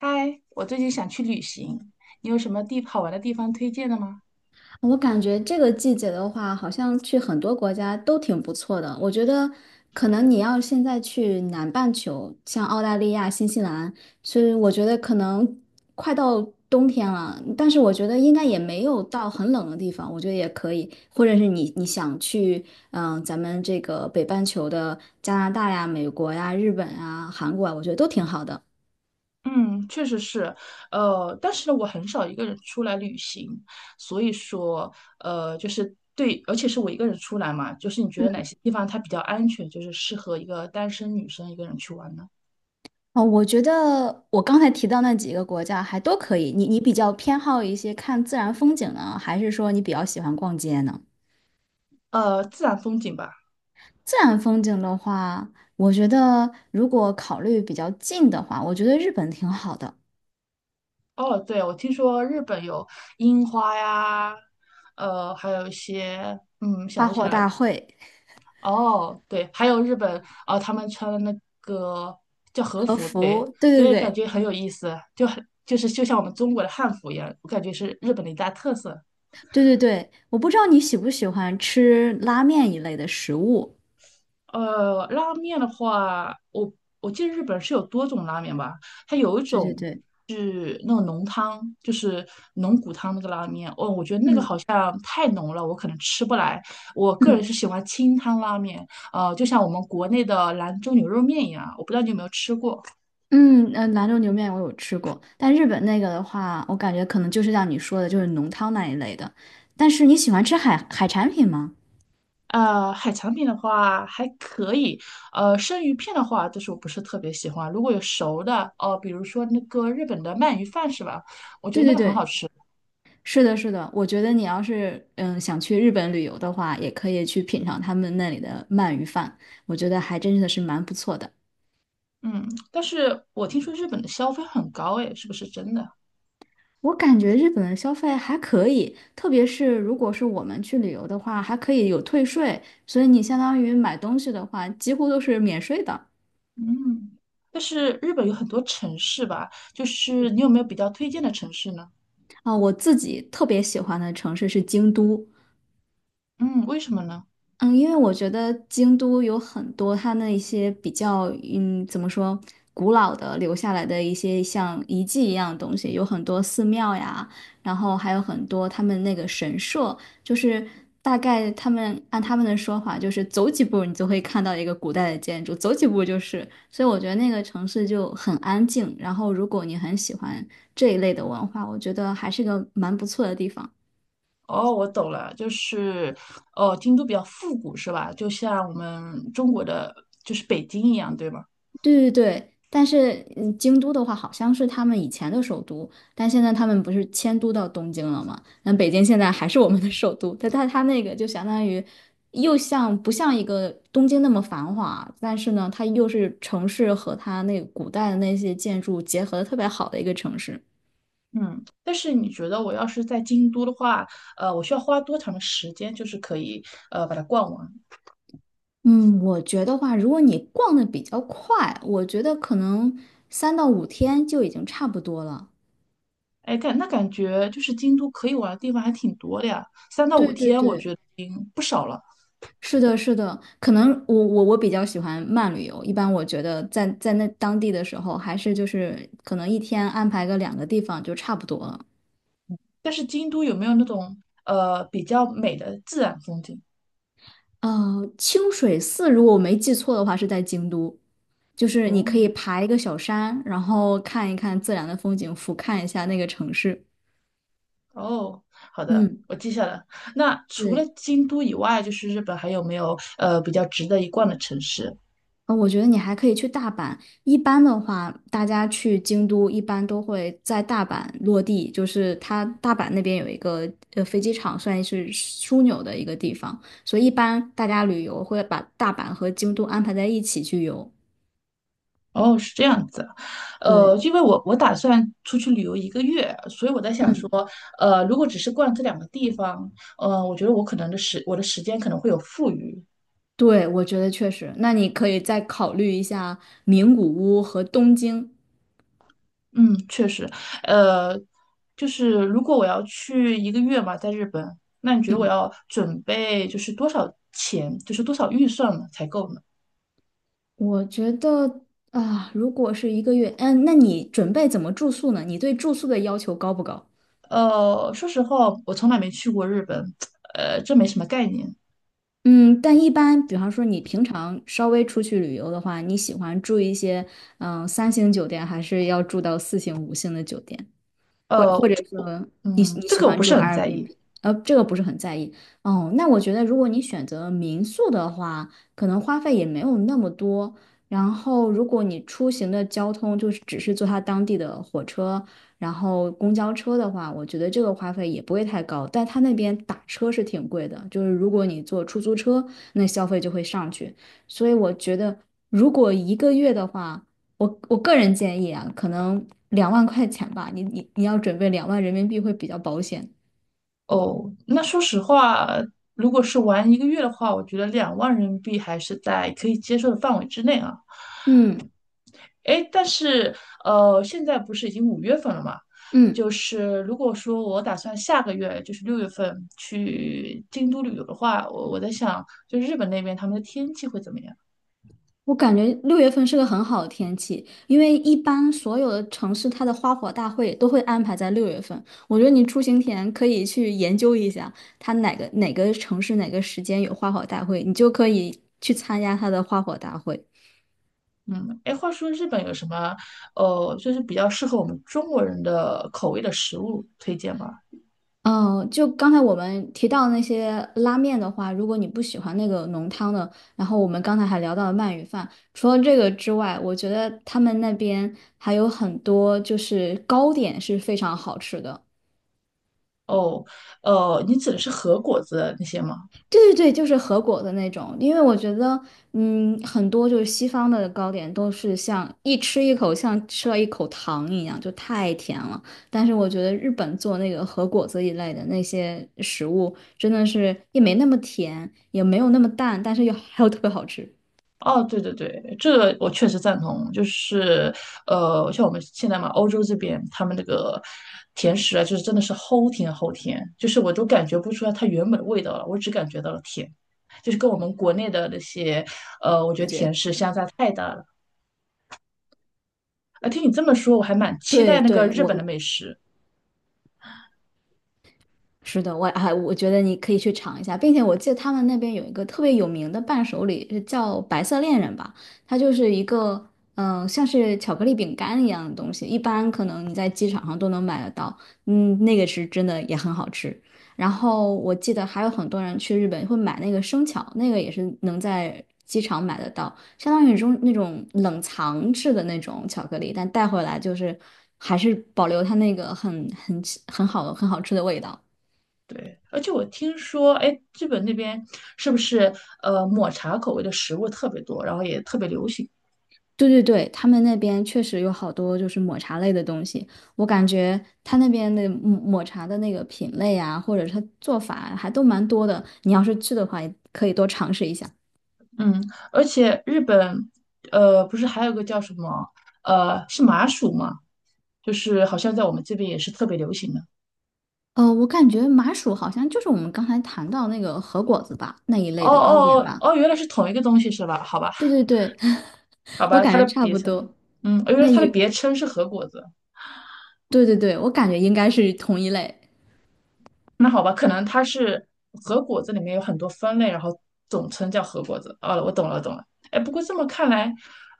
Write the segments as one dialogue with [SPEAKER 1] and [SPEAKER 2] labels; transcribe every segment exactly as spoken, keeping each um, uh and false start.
[SPEAKER 1] 嗨，我最近想去旅行，你有什么地好玩的地方推荐的吗？
[SPEAKER 2] 我感觉这个季节的话，好像去很多国家都挺不错的。我觉得，可能你要现在去南半球，像澳大利亚、新西兰，所以我觉得可能快到冬天了，但是我觉得应该也没有到很冷的地方，我觉得也可以。或者是你你想去，嗯、咱们这个北半球的加拿大呀、美国呀、日本啊、韩国啊，我觉得都挺好的。
[SPEAKER 1] 嗯，确实是，呃，但是呢我很少一个人出来旅行，所以说，呃，就是对，而且是我一个人出来嘛，就是你觉得哪些地方它比较安全，就是适合一个单身女生一个人去玩呢？
[SPEAKER 2] 哦，我觉得我刚才提到那几个国家还都可以。你你比较偏好一些看自然风景呢，还是说你比较喜欢逛街呢？
[SPEAKER 1] 呃，自然风景吧。
[SPEAKER 2] 自然风景的话，我觉得如果考虑比较近的话，我觉得日本挺好的，
[SPEAKER 1] 哦，对，我听说日本有樱花呀，呃，还有一些，嗯，想
[SPEAKER 2] 花
[SPEAKER 1] 不起
[SPEAKER 2] 火
[SPEAKER 1] 来，
[SPEAKER 2] 大会、
[SPEAKER 1] 哦，对，还有日本，啊，他们穿的那个叫和
[SPEAKER 2] 和
[SPEAKER 1] 服，对，
[SPEAKER 2] 服，对对
[SPEAKER 1] 对，感
[SPEAKER 2] 对
[SPEAKER 1] 觉很有意思，就很就是就像我们中国的汉服一样，我感觉是日本的一大特色。
[SPEAKER 2] 对对对。我不知道你喜不喜欢吃拉面一类的食物。
[SPEAKER 1] 呃，拉面的话，我我记得日本是有多种拉面吧，它有一
[SPEAKER 2] 对对
[SPEAKER 1] 种
[SPEAKER 2] 对，
[SPEAKER 1] 是那种浓汤，就是浓骨汤那个拉面，哦，我觉得那个好
[SPEAKER 2] 嗯
[SPEAKER 1] 像太浓了，我可能吃不来。我个人
[SPEAKER 2] 嗯。
[SPEAKER 1] 是喜欢清汤拉面，呃，就像我们国内的兰州牛肉面一样，我不知道你有没有吃过。
[SPEAKER 2] 嗯，呃，兰州牛面我有吃过，但日本那个的话，我感觉可能就是像你说的，就是浓汤那一类的。但是你喜欢吃海海产品吗？
[SPEAKER 1] 呃，海产品的话还可以，呃，生鱼片的话，就是我不是特别喜欢。如果有熟的，哦，比如说那个日本的鳗鱼饭是吧？我觉
[SPEAKER 2] 对
[SPEAKER 1] 得那
[SPEAKER 2] 对
[SPEAKER 1] 个很好
[SPEAKER 2] 对，
[SPEAKER 1] 吃。
[SPEAKER 2] 是的，是的。我觉得你要是嗯想去日本旅游的话，也可以去品尝他们那里的鳗鱼饭，我觉得还真的是蛮不错的。
[SPEAKER 1] 嗯，但是我听说日本的消费很高，诶，是不是真的？
[SPEAKER 2] 我感觉日本的消费还可以，特别是如果是我们去旅游的话，还可以有退税，所以你相当于买东西的话，几乎都是免税的。
[SPEAKER 1] 嗯，但是日本有很多城市吧，就是你有没有比较推荐的城市呢？
[SPEAKER 2] 啊，我自己特别喜欢的城市是京都。
[SPEAKER 1] 嗯，为什么呢？
[SPEAKER 2] 嗯，因为我觉得京都有很多它那一些比较，嗯，怎么说，古老的留下来的一些像遗迹一样的东西，有很多寺庙呀，然后还有很多他们那个神社，就是大概他们按他们的说法，就是走几步你就会看到一个古代的建筑，走几步就是，所以我觉得那个城市就很安静。然后如果你很喜欢这一类的文化，我觉得还是个蛮不错的地方。
[SPEAKER 1] 哦，我懂了，就是，哦，京都比较复古是吧？就像我们中国的，就是北京一样，对吗？
[SPEAKER 2] 对对对，但是嗯京都的话好像是他们以前的首都，但现在他们不是迁都到东京了吗？那北京现在还是我们的首都，但它它那个就相当于又像不像一个东京那么繁华，但是呢，它又是城市和它那个古代的那些建筑结合的特别好的一个城市。
[SPEAKER 1] 嗯，但是你觉得我要是在京都的话，呃，我需要花多长的时间，就是可以呃把它逛完？
[SPEAKER 2] 嗯，我觉得话，如果你逛的比较快，我觉得可能三到五天就已经差不多了。
[SPEAKER 1] 哎，感那感觉就是京都可以玩的地方还挺多的呀，三到五
[SPEAKER 2] 对对
[SPEAKER 1] 天我
[SPEAKER 2] 对。
[SPEAKER 1] 觉得已经不少了。
[SPEAKER 2] 是的，是的，可能我我我比较喜欢慢旅游。一般我觉得在在那当地的时候，还是就是可能一天安排个两个地方就差不多了。
[SPEAKER 1] 但是京都有没有那种呃比较美的自然风景？
[SPEAKER 2] 呃，清水寺如果我没记错的话是在京都，就是你
[SPEAKER 1] 哦
[SPEAKER 2] 可以爬一个小山，然后看一看自然的风景，俯瞰一下那个城市。
[SPEAKER 1] 哦，好的，
[SPEAKER 2] 嗯，
[SPEAKER 1] 我记下了。那除了
[SPEAKER 2] 对。
[SPEAKER 1] 京都以外，就是日本还有没有呃比较值得一逛的城市？
[SPEAKER 2] 呃，我觉得你还可以去大阪。一般的话，大家去京都一般都会在大阪落地，就是它大阪那边有一个呃飞机场，算是枢纽的一个地方，所以一般大家旅游会把大阪和京都安排在一起去游。
[SPEAKER 1] 哦，是这样子，呃，
[SPEAKER 2] 对，
[SPEAKER 1] 因为我我打算出去旅游一个月，所以我在想说，
[SPEAKER 2] 嗯，
[SPEAKER 1] 呃，如果只是逛这两个地方，呃，我觉得我可能的时我的时间可能会有富余。
[SPEAKER 2] 对，我觉得确实。那你可以再考虑一下名古屋和东京。
[SPEAKER 1] 嗯，确实，呃，就是如果我要去一个月嘛，在日本，那你觉得我
[SPEAKER 2] 嗯，
[SPEAKER 1] 要准备就是多少钱，就是多少预算嘛才够呢？
[SPEAKER 2] 我觉得啊，如果是一个月，嗯，那你准备怎么住宿呢？你对住宿的要求高不高？
[SPEAKER 1] 呃，说实话，我从来没去过日本，呃，这没什么概念。
[SPEAKER 2] 嗯，但一般，比方说你平常稍微出去旅游的话，你喜欢住一些嗯呃三星酒店，还是要住到四星、五星的酒店？或或
[SPEAKER 1] 呃，
[SPEAKER 2] 者
[SPEAKER 1] 这
[SPEAKER 2] 说你
[SPEAKER 1] 嗯，
[SPEAKER 2] 你
[SPEAKER 1] 这
[SPEAKER 2] 喜
[SPEAKER 1] 个我
[SPEAKER 2] 欢
[SPEAKER 1] 不
[SPEAKER 2] 住
[SPEAKER 1] 是很在意。
[SPEAKER 2] Airbnb，呃，这个不是很在意哦。那我觉得，如果你选择民宿的话，可能花费也没有那么多。然后，如果你出行的交通就是只是坐它当地的火车，然后公交车的话，我觉得这个花费也不会太高。但它那边打车是挺贵的，就是如果你坐出租车，那消费就会上去。所以我觉得，如果一个月的话，我我个人建议啊，可能两万块钱吧，你你你要准备两万人民币会比较保险。
[SPEAKER 1] 哦，那说实话，如果是玩一个月的话，我觉得两万人民币还是在可以接受的范围之内啊。
[SPEAKER 2] 嗯
[SPEAKER 1] 诶，但是呃，现在不是已经五月份了嘛？
[SPEAKER 2] 嗯
[SPEAKER 1] 就是如果说我打算下个月，就是六月份去京都旅游的话，我我在想，就日本那边他们的天气会怎么样？
[SPEAKER 2] 我感觉六月份是个很好的天气，因为一般所有的城市它的花火大会都会安排在六月份。我觉得你出行前可以去研究一下，它哪个哪个城市哪个时间有花火大会，你就可以去参加它的花火大会。
[SPEAKER 1] 嗯，诶，话说日本有什么呃，就是比较适合我们中国人的口味的食物推荐吗？
[SPEAKER 2] 嗯，就刚才我们提到那些拉面的话，如果你不喜欢那个浓汤的，然后我们刚才还聊到了鳗鱼饭，除了这个之外，我觉得他们那边还有很多就是糕点是非常好吃的。
[SPEAKER 1] 哦，呃，你指的是和果子那些吗？
[SPEAKER 2] 对对对，就是和果的那种，因为我觉得，嗯，很多就是西方的糕点都是像一吃一口像吃了一口糖一样，就太甜了。但是我觉得日本做那个和果子一类的那些食物，真的是也没那么甜，也没有那么淡，但是又还有特别好吃。
[SPEAKER 1] 哦，对对对，这个我确实赞同。就是，呃，像我们现在嘛，欧洲这边他们那个甜食啊，就是真的是齁甜齁甜，就是我都感觉不出来它原本的味道了，我只感觉到了甜，就是跟我们国内的那些，呃，我觉得甜食相差太大了。啊，听你这么说，我还蛮期
[SPEAKER 2] 对
[SPEAKER 1] 待那个
[SPEAKER 2] 对，
[SPEAKER 1] 日本
[SPEAKER 2] 我
[SPEAKER 1] 的美食。
[SPEAKER 2] 是的，我还我觉得你可以去尝一下，并且我记得他们那边有一个特别有名的伴手礼，是叫白色恋人吧，它就是一个嗯、呃像是巧克力饼干一样的东西，一般可能你在机场上都能买得到，嗯，那个是真的也很好吃。然后我记得还有很多人去日本会买那个生巧，那个也是能在机场买得到，相当于中那种冷藏制的那种巧克力，但带回来就是还是保留它那个很很很好很好吃的味道。
[SPEAKER 1] 对，而且我听说，哎，日本那边是不是呃抹茶口味的食物特别多，然后也特别流行？
[SPEAKER 2] 对对对，他们那边确实有好多就是抹茶类的东西，我感觉他那边的抹抹茶的那个品类啊，或者是它做法还都蛮多的。你要是去的话，也可以多尝试一下。
[SPEAKER 1] 嗯，而且日本，呃，不是还有个叫什么，呃，是麻薯吗？就是好像在我们这边也是特别流行的。
[SPEAKER 2] 呃，我感觉麻薯好像就是我们刚才谈到那个和果子吧，那一
[SPEAKER 1] 哦
[SPEAKER 2] 类的糕点
[SPEAKER 1] 哦哦
[SPEAKER 2] 吧。
[SPEAKER 1] 哦，原来是同一个东西是吧？好吧，
[SPEAKER 2] 对对对，
[SPEAKER 1] 好
[SPEAKER 2] 我
[SPEAKER 1] 吧，它
[SPEAKER 2] 感觉
[SPEAKER 1] 的
[SPEAKER 2] 差
[SPEAKER 1] 别
[SPEAKER 2] 不
[SPEAKER 1] 称，
[SPEAKER 2] 多。
[SPEAKER 1] 嗯，哦原来
[SPEAKER 2] 那
[SPEAKER 1] 它的
[SPEAKER 2] 有，
[SPEAKER 1] 别称是核果子。
[SPEAKER 2] 对对对，我感觉应该是同一类。
[SPEAKER 1] 那好吧，可能它是核果子里面有很多分类，然后总称叫核果子。哦，我懂了，懂了。哎，不过这么看来，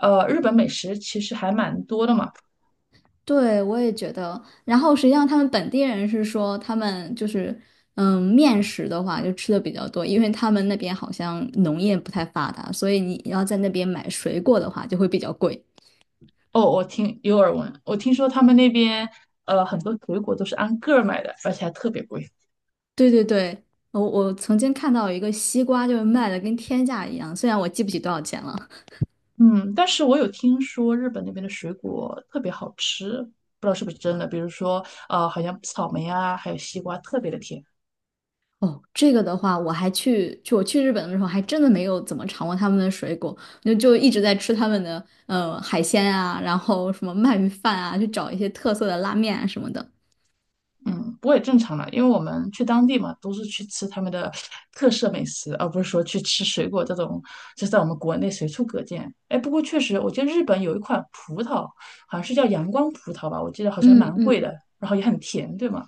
[SPEAKER 1] 呃，日本美食其实还蛮多的嘛。
[SPEAKER 2] 对，我也觉得。然后实际上，他们本地人是说，他们就是，嗯，面食的话就吃的比较多，因为他们那边好像农业不太发达，所以你要在那边买水果的话就会比较贵。
[SPEAKER 1] 哦，我听有耳闻，我听说他们那边呃很多水果都是按个儿卖的，而且还特别贵。
[SPEAKER 2] 对对对，我我曾经看到有一个西瓜就是卖的跟天价一样，虽然我记不起多少钱了。
[SPEAKER 1] 嗯，但是我有听说日本那边的水果特别好吃，不知道是不是真的。比如说呃，好像草莓啊，还有西瓜特别的甜。
[SPEAKER 2] 哦，这个的话，我还去就我去日本的时候，还真的没有怎么尝过他们的水果，就就一直在吃他们的呃海鲜啊，然后什么鳗鱼饭啊，去找一些特色的拉面啊什么的。
[SPEAKER 1] 嗯，不过也正常了，因为我们去当地嘛，都是去吃他们的特色美食，而不是说去吃水果这种，就在我们国内随处可见。哎，不过确实，我记得日本有一款葡萄，好像是叫阳光葡萄吧，我记得好像
[SPEAKER 2] 嗯
[SPEAKER 1] 蛮贵
[SPEAKER 2] 嗯，
[SPEAKER 1] 的，然后也很甜，对吗？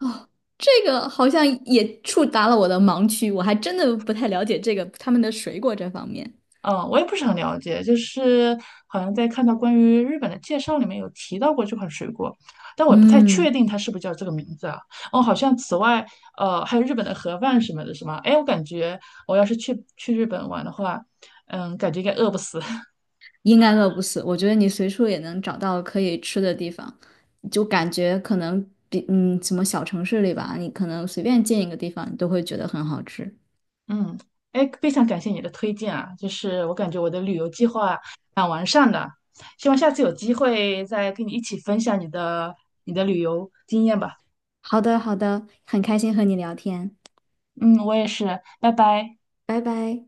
[SPEAKER 2] 哦，这个好像也触达了我的盲区，我还真的不太了解这个他们的水果这方面。
[SPEAKER 1] 嗯，我也不是很了解，就是好像在看到关于日本的介绍里面有提到过这款水果，但我不太确
[SPEAKER 2] 嗯，
[SPEAKER 1] 定它是不是叫这个名字啊。哦，好像此外，呃，还有日本的盒饭什么的，是吗？哎，我感觉我要是去去日本玩的话，嗯，感觉应该饿不死。
[SPEAKER 2] 应该饿不死，我觉得你随处也能找到可以吃的地方，就感觉可能比嗯什么小城市里吧，你可能随便进一个地方，你都会觉得很好吃。
[SPEAKER 1] 嗯，哎，非常感谢你的推荐啊，就是我感觉我的旅游计划蛮完善的，希望下次有机会再跟你一起分享你的你的旅游经验吧。
[SPEAKER 2] 好的，好的，很开心和你聊天，
[SPEAKER 1] 嗯，我也是，拜拜。
[SPEAKER 2] 拜拜。